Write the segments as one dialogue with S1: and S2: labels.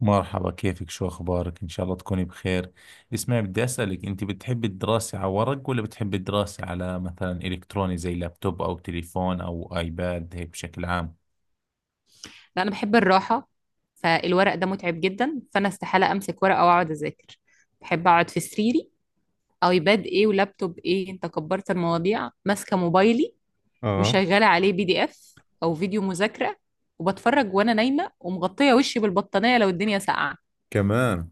S1: مرحبا، كيفك؟ شو أخبارك؟ إن شاء الله تكوني بخير. اسمعي، بدي أسألك، أنت بتحبي الدراسة على ورق ولا بتحبي الدراسة على مثلا إلكتروني زي لابتوب أو تليفون أو آيباد هيك بشكل عام؟
S2: لا، انا بحب الراحه، فالورق ده متعب جدا، فانا استحاله امسك ورقه واقعد اذاكر. بحب اقعد في سريري. ايباد ايه ولابتوب ايه، انت كبرت المواضيع، ماسكه موبايلي مشغله عليه بي دي اف او فيديو مذاكره، وبتفرج وانا نايمه ومغطيه وشي بالبطانيه لو الدنيا ساقعه.
S1: كمان.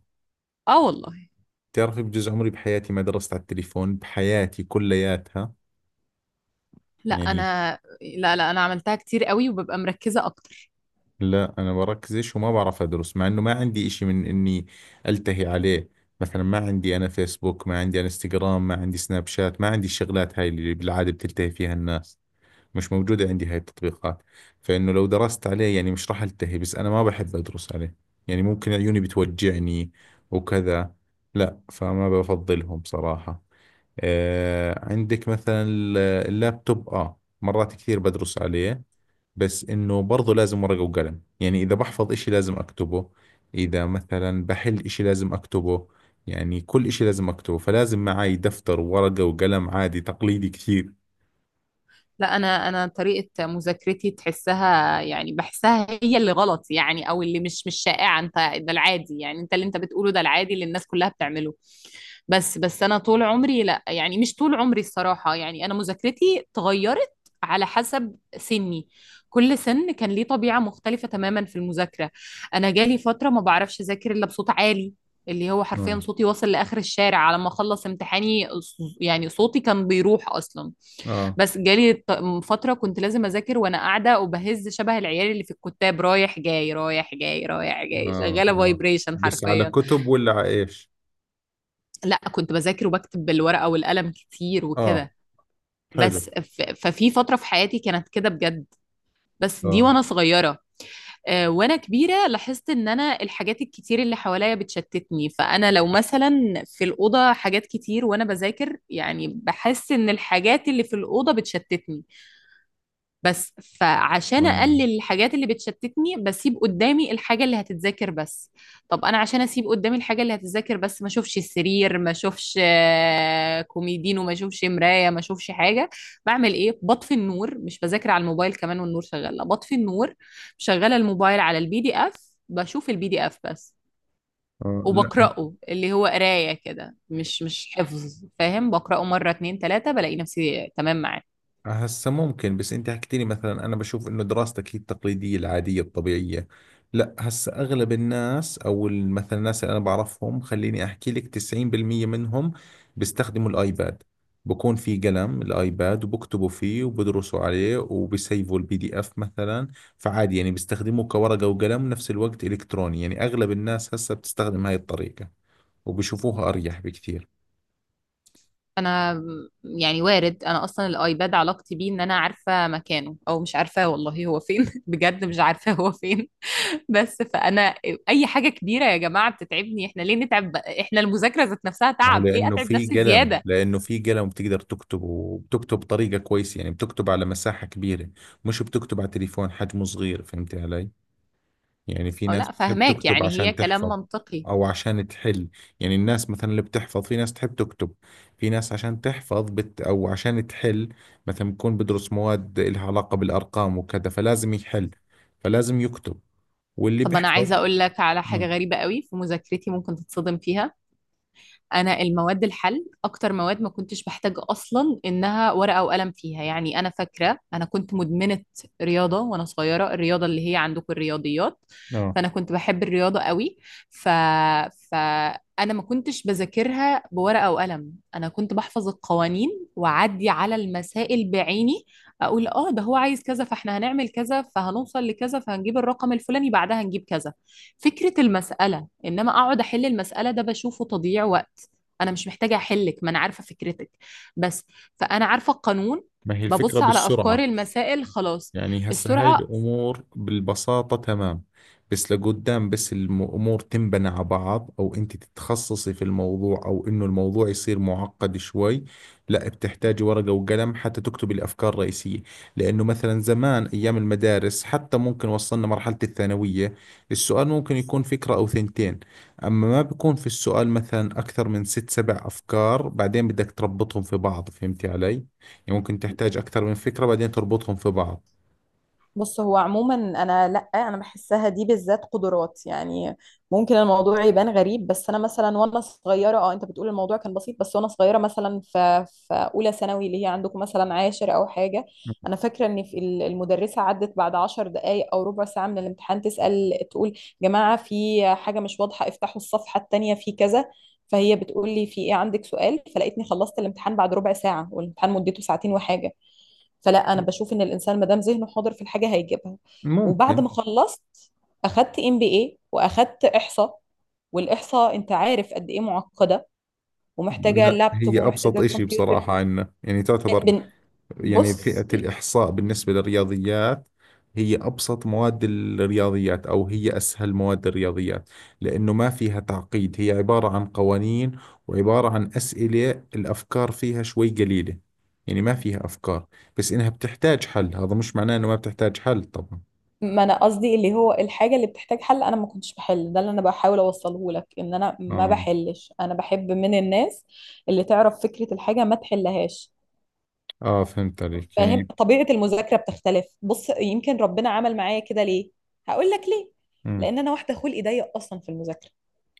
S2: اه والله.
S1: بتعرفي بجوز عمري بحياتي ما درست على التليفون، بحياتي كلياتها
S2: لا
S1: يعني.
S2: انا. لا، لا، انا عملتها كتير قوي وببقى مركزه اكتر.
S1: لا، أنا بركزش وما بعرف أدرس مع إنه ما عندي إشي من إني ألتهي عليه. مثلا ما عندي أنا فيسبوك، ما عندي أنا انستغرام، ما عندي سناب شات، ما عندي الشغلات هاي اللي بالعادة بتلتهي فيها الناس. مش موجودة عندي هاي التطبيقات. فإنه لو درست عليه يعني مش راح ألتهي، بس أنا ما بحب أدرس عليه. يعني ممكن عيوني بتوجعني وكذا. لا، فما بفضلهم بصراحة. آه، عندك مثلا اللابتوب، آه مرات كثير بدرس عليه. بس إنه برضه لازم ورقة وقلم، يعني إذا بحفظ إشي لازم أكتبه، إذا مثلا بحل إشي لازم أكتبه، يعني كل إشي لازم أكتبه. فلازم معي دفتر وورقة وقلم عادي تقليدي كثير.
S2: لا انا، انا طريقه مذاكرتي تحسها يعني بحسها هي اللي غلط، يعني او اللي مش شائعه. انت ده العادي، يعني انت اللي انت بتقوله ده العادي اللي الناس كلها بتعمله. بس انا طول عمري، لا يعني مش طول عمري الصراحه، يعني انا مذاكرتي اتغيرت على حسب سني. كل سن كان ليه طبيعه مختلفه تماما في المذاكره. انا جالي فتره ما بعرفش اذاكر الا بصوت عالي، اللي هو حرفيا
S1: آه،
S2: صوتي واصل لاخر الشارع على ما اخلص امتحاني. يعني صوتي كان بيروح اصلا.
S1: آه.
S2: بس جالي ط- فترة كنت لازم أذاكر وأنا قاعدة وبهز شبه العيال اللي في الكتاب، رايح جاي رايح جاي رايح جاي،
S1: اه،
S2: شغالة
S1: اه.
S2: فايبريشن
S1: بس على
S2: حرفيا.
S1: كتب ولا على ايش؟
S2: لا، كنت بذاكر وبكتب بالورقة والقلم كتير
S1: اه،
S2: وكده. بس
S1: حلو.
S2: ف- ففي فترة في حياتي كانت كده بجد، بس دي
S1: اه.
S2: وأنا صغيرة. وانا كبيره لاحظت ان انا الحاجات الكتير اللي حواليا بتشتتني. فانا لو مثلا في الاوضه حاجات كتير وانا بذاكر، يعني بحس ان الحاجات اللي في الاوضه بتشتتني. بس فعشان
S1: اه.
S2: اقلل الحاجات اللي بتشتتني، بسيب قدامي الحاجه اللي هتتذاكر بس. طب انا عشان اسيب قدامي الحاجه اللي هتتذاكر بس، ما اشوفش السرير، ما اشوفش كوميدين، وما اشوفش مرايه، ما اشوفش حاجه، بعمل ايه؟ بطفي النور. مش بذاكر على الموبايل كمان والنور شغال، لا بطفي النور، شغاله الموبايل على البي دي اف، بشوف البي دي اف بس
S1: آه. لا.
S2: وبقراه. اللي هو قرايه كده، مش حفظ، فاهم؟ بقراه مره اتنين تلاته بلاقي نفسي تمام معاه.
S1: هسه ممكن، بس انت حكيت لي مثلا، انا بشوف انه دراستك هي التقليديه العاديه الطبيعيه. لا، هسه اغلب الناس او مثلا الناس اللي انا بعرفهم، خليني احكي لك 90% منهم بيستخدموا الايباد. بكون في قلم الايباد وبكتبوا فيه وبدرسوا عليه وبيسيفوا البي دي اف مثلا. فعادي يعني بيستخدموه كورقه وقلم نفس الوقت الكتروني، يعني اغلب الناس هسه بتستخدم هاي الطريقه وبشوفوها اريح بكثير.
S2: انا يعني وارد، انا اصلا الايباد علاقتي بيه ان انا عارفه مكانه او مش عارفاه، والله هو فين بجد مش عارفاه هو فين. بس فانا اي حاجه كبيره يا جماعه بتتعبني، احنا ليه نتعب بقى؟ احنا المذاكره ذات نفسها
S1: ما هو
S2: تعب، ليه
S1: لانه
S2: اتعب
S1: في
S2: نفسي
S1: قلم
S2: زياده؟
S1: لانه في قلم بتقدر تكتب وبتكتب بطريقه كويسه، يعني بتكتب على مساحه كبيره، مش بتكتب على تليفون حجمه صغير، فهمتي علي؟ يعني في
S2: او
S1: ناس
S2: لا،
S1: بتحب
S2: فهماك،
S1: تكتب
S2: يعني هي
S1: عشان
S2: كلام
S1: تحفظ
S2: منطقي.
S1: او عشان تحل. يعني الناس مثلا اللي بتحفظ في ناس تحب تكتب، في ناس عشان تحفظ بت او عشان تحل. مثلا بكون بدرس مواد لها علاقه بالارقام وكذا، فلازم يحل، فلازم يكتب. واللي
S2: طب انا
S1: بيحفظ.
S2: عايزه اقول لك على حاجه
S1: مم.
S2: غريبه قوي في مذاكرتي، ممكن تتصدم فيها. انا المواد الحل، اكتر مواد ما كنتش بحتاج اصلا انها ورقه وقلم فيها. يعني انا فاكره انا كنت مدمنه رياضه وانا صغيره، الرياضه اللي هي عندكم الرياضيات.
S1: اه.
S2: فانا كنت بحب الرياضه قوي. ف فانا ما كنتش بذاكرها بورقه وقلم، انا كنت بحفظ القوانين، واعدي على المسائل بعيني، اقول اه ده هو عايز كذا، فاحنا هنعمل كذا، فهنوصل لكذا، فهنجيب الرقم الفلاني، بعدها هنجيب كذا. فكره المساله، انما اقعد احل المساله ده بشوفه تضييع وقت. انا مش محتاجه احلك، ما انا عارفه فكرتك بس، فانا عارفه القانون.
S1: ما هي الفكره
S2: ببص على افكاري
S1: بالسرعه.
S2: المسائل خلاص.
S1: يعني هسه هاي
S2: السرعه.
S1: الأمور بالبساطة تمام، بس لقدام بس الأمور تنبنى على بعض، أو أنت تتخصصي في الموضوع، أو إنه الموضوع يصير معقد شوي، لا بتحتاجي ورقة وقلم حتى تكتبي الأفكار الرئيسية. لأنه مثلا زمان أيام المدارس حتى ممكن وصلنا مرحلة الثانوية، السؤال ممكن يكون فكرة أو ثنتين. أما ما بيكون في السؤال مثلا أكثر من ست سبع أفكار بعدين بدك تربطهم في بعض، فهمتي علي؟ يعني ممكن تحتاج أكثر من فكرة بعدين تربطهم في بعض.
S2: بص هو عموما انا، لا انا بحسها دي بالذات قدرات يعني. ممكن الموضوع يبان غريب، بس انا مثلا وانا صغيره، اه انت بتقول الموضوع كان بسيط، بس وانا صغيره مثلا في اولى ثانوي، اللي هي عندكم مثلا عاشر او حاجه، انا فاكره ان المدرسه عدت بعد 10 دقائق او ربع ساعه من الامتحان تسال، تقول جماعه في حاجه مش واضحه، افتحوا الصفحه التانيه في كذا. فهي بتقول لي في ايه؟ عندك سؤال؟ فلقيتني خلصت الامتحان بعد ربع ساعه، والامتحان مدته ساعتين وحاجه. فلا انا بشوف ان الانسان ما دام ذهنه حاضر في الحاجه هيجيبها. وبعد
S1: ممكن.
S2: ما خلصت اخدت ام بي اي، واخدت احصاء، والاحصاء انت عارف قد ايه معقده ومحتاجه
S1: لا،
S2: لابتوب
S1: هي أبسط
S2: ومحتاجه
S1: إشي
S2: كمبيوتر.
S1: بصراحة عندنا يعني، تعتبر
S2: بن-
S1: يعني فئة
S2: بص،
S1: الإحصاء بالنسبة للرياضيات هي أبسط مواد الرياضيات أو هي أسهل مواد الرياضيات، لأنه ما فيها تعقيد. هي عبارة عن قوانين وعبارة عن أسئلة. الأفكار فيها شوي قليلة، يعني ما فيها أفكار. بس إنها بتحتاج حل، هذا مش معناه إنه ما بتحتاج حل طبعا.
S2: ما انا قصدي اللي هو الحاجه اللي بتحتاج حل انا ما كنتش بحل. ده اللي انا بحاول اوصله لك، ان انا ما
S1: آه.
S2: بحلش، انا بحب من الناس اللي تعرف فكره الحاجه ما تحلهاش.
S1: آه، فهمت عليك
S2: فاهم؟
S1: يعني.
S2: طبيعة المذاكرة بتختلف. بص، يمكن ربنا عمل معايا كده ليه؟ هقول لك ليه.
S1: مم.
S2: لأن أنا واحدة خلقي ضيق أصلا في المذاكرة.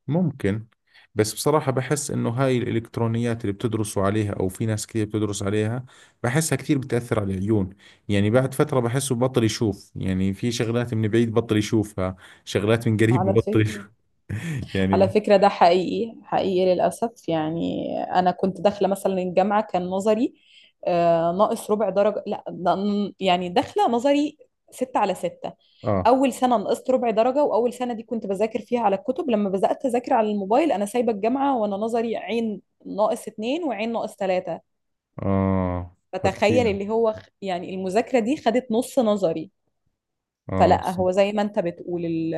S1: ممكن. بس بصراحة بحس إنه هاي الإلكترونيات اللي بتدرسوا عليها أو في ناس كثير بتدرس عليها، بحسها كثير بتأثر على العيون. يعني بعد فترة بحسه بطل يشوف، يعني في شغلات من بعيد بطل يشوفها، شغلات من قريب
S2: على
S1: بطل
S2: فكرة،
S1: يشوف. يعني
S2: على
S1: ب-
S2: فكرة ده حقيقي، حقيقي للأسف. يعني أنا كنت داخلة مثلا الجامعة كان نظري ناقص ربع درجة، لا ده ن- يعني داخلة نظري 6/6.
S1: آه.
S2: أول سنة نقصت ربع درجة، وأول سنة دي كنت بذاكر فيها على الكتب. لما بدأت أذاكر على الموبايل أنا سايبة الجامعة وأنا نظري عين ناقص اتنين وعين ناقص تلاتة.
S1: آه.
S2: فتخيل
S1: فكتير.
S2: اللي هو يعني المذاكرة دي خدت نص نظري.
S1: آه
S2: فلا،
S1: ص-
S2: هو زي ما انت بتقول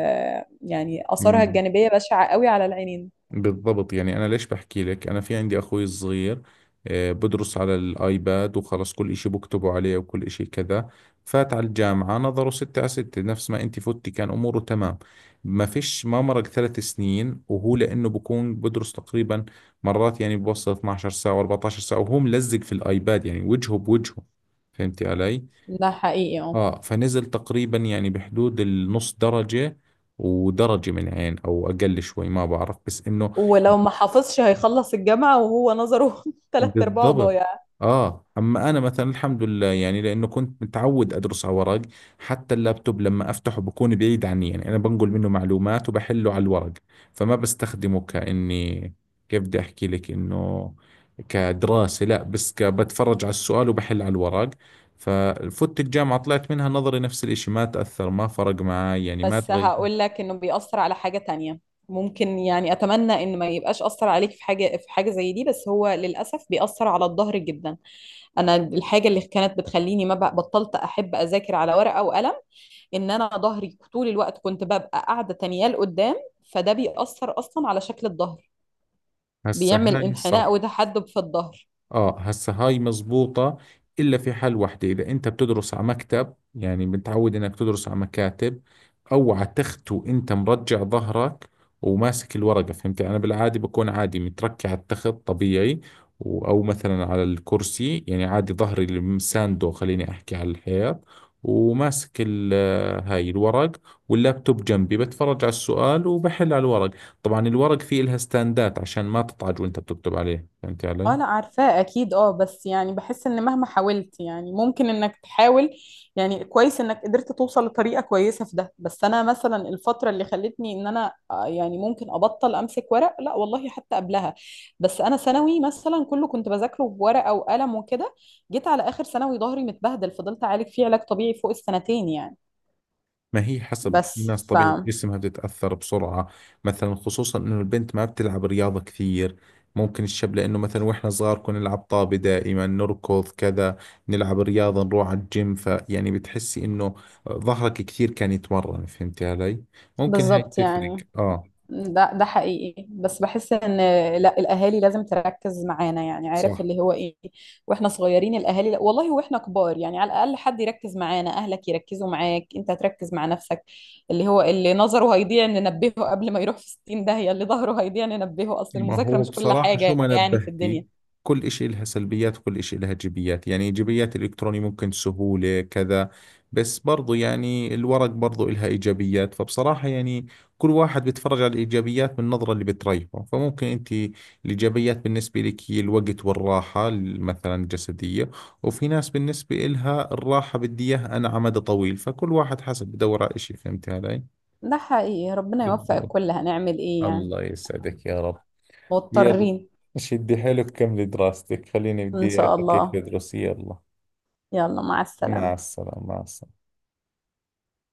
S2: يعني آثارها
S1: مم.
S2: الجانبية بشعة قوي على العينين.
S1: بالضبط. يعني أنا ليش بحكي لك، أنا في عندي أخوي الصغير، آه، بدرس على الآيباد وخلص كل إشي بكتبه عليه وكل إشي كذا. فات على الجامعة نظره ستة على ستة نفس ما أنت فتي، كان أموره تمام، ما فيش. ما مرق ثلاث سنين وهو لأنه بكون بدرس تقريبا مرات يعني بوصل 12 ساعة و14 ساعة وهو ملزق في الآيباد، يعني وجهه بوجهه، فهمتي علي؟
S2: ده حقيقي، اه.
S1: آه، فنزل تقريبا يعني بحدود النص درجة ودرجة من عين، أو أقل شوي ما بعرف، بس إنه
S2: ولو ما حافظش هيخلص الجامعة وهو نظره تلات أرباعه
S1: بالضبط.
S2: ضايع.
S1: اه، اما انا مثلا الحمد لله يعني، لانه كنت متعود ادرس على ورق، حتى اللابتوب لما افتحه بكون بعيد عني، يعني انا بنقل منه معلومات وبحله على الورق، فما بستخدمه كاني، كيف بدي احكي لك انه كدراسة، لا بس بتفرج على السؤال وبحل على الورق. ففوت الجامعة طلعت منها نظري نفس الاشي، ما تأثر، ما فرق معي يعني، ما
S2: بس
S1: تغير.
S2: هقول لك إنه بيأثر على حاجة تانية. ممكن يعني أتمنى إن ما يبقاش أثر عليك في حاجة، في حاجة زي دي، بس هو للأسف بيأثر على الظهر جدا. أنا الحاجة اللي كانت بتخليني ما بطلت أحب أذاكر على ورقة وقلم، ان انا ظهري طول الوقت كنت ببقى قاعده تانية لقدام. فده بيأثر اصلا على شكل الظهر،
S1: هسه
S2: بيعمل
S1: هاي
S2: انحناء
S1: صح.
S2: وتحدب في الظهر.
S1: اه، هسه هاي مزبوطة، الا في حال واحدة اذا انت بتدرس على مكتب، يعني متعود انك تدرس على مكاتب او على تخت وانت مرجع ظهرك وماسك الورقة، فهمت؟ انا بالعادي بكون عادي متركع على التخت طبيعي، او مثلا على الكرسي، يعني عادي ظهري المساندو خليني احكي على الحيط، وماسك هاي الورق، واللابتوب جنبي بتفرج على السؤال وبحل على الورق. طبعا الورق فيه لها ستاندات عشان ما تطعج وانت بتكتب عليه، فهمت
S2: اه
S1: علي؟
S2: انا عارفاه اكيد، اه. بس يعني بحس ان مهما حاولت، يعني ممكن انك تحاول، يعني كويس انك قدرت توصل لطريقه كويسه في ده. بس انا مثلا الفتره اللي خلتني ان انا يعني ممكن ابطل امسك ورق، لا والله حتى قبلها. بس انا ثانوي مثلا كله كنت بذاكره بورقه وقلم وكده، جيت على اخر ثانوي ظهري متبهدل، فضلت اعالج فيه علاج طبيعي فوق السنتين يعني.
S1: ما هي حسب، في
S2: بس
S1: ناس
S2: ف
S1: طبيعة جسمها بتتأثر بسرعة، مثلا خصوصا انه البنت ما بتلعب رياضة كثير. ممكن الشاب لانه مثلا، واحنا صغار كنا نلعب طابة دائما نركض كذا، نلعب رياضة، نروح على الجيم، فيعني بتحسي انه ظهرك كثير كان يتمرن، فهمتي علي؟ ممكن هاي
S2: بالظبط
S1: تفرق.
S2: يعني.
S1: اه.
S2: ده ده حقيقي. بس بحس ان، لا الاهالي لازم تركز معانا، يعني عارف
S1: صح.
S2: اللي هو ايه، واحنا صغيرين الاهالي، لا والله واحنا كبار، يعني على الاقل حد يركز معانا، اهلك يركزوا معاك، انت تركز مع نفسك. اللي هو اللي نظره هيضيع ننبهه قبل ما يروح في 60 داهية، اللي ظهره هيضيع ننبهه، اصل
S1: ما
S2: المذاكرة
S1: هو
S2: مش كل
S1: بصراحة شو
S2: حاجة
S1: ما
S2: يعني في الدنيا.
S1: نبهتي، كل إشي إلها سلبيات وكل إشي إلها إيجابيات، يعني إيجابيات الإلكتروني ممكن سهولة كذا، بس برضو يعني الورق برضو إلها إيجابيات، فبصراحة يعني كل واحد بيتفرج على الإيجابيات من النظرة اللي بتريحه. فممكن أنت الإيجابيات بالنسبة لك هي الوقت والراحة مثلا الجسدية، وفي ناس بالنسبة إلها الراحة بدي إياها أنا على مدى طويل، فكل واحد حسب بدور على إشي، فهمت علي؟
S2: ده حقيقي، ربنا يوفق
S1: بالضبط.
S2: الكل، هنعمل ايه يعني؟
S1: الله يسعدك يا رب. يلا،
S2: مضطرين.
S1: شدي حيلك، كملي دراستك، خليني
S2: ان
S1: بدي
S2: شاء
S1: أفكك
S2: الله.
S1: تدرسي. يلا،
S2: يلا، مع
S1: مع
S2: السلامة.
S1: السلامة، مع السلامة.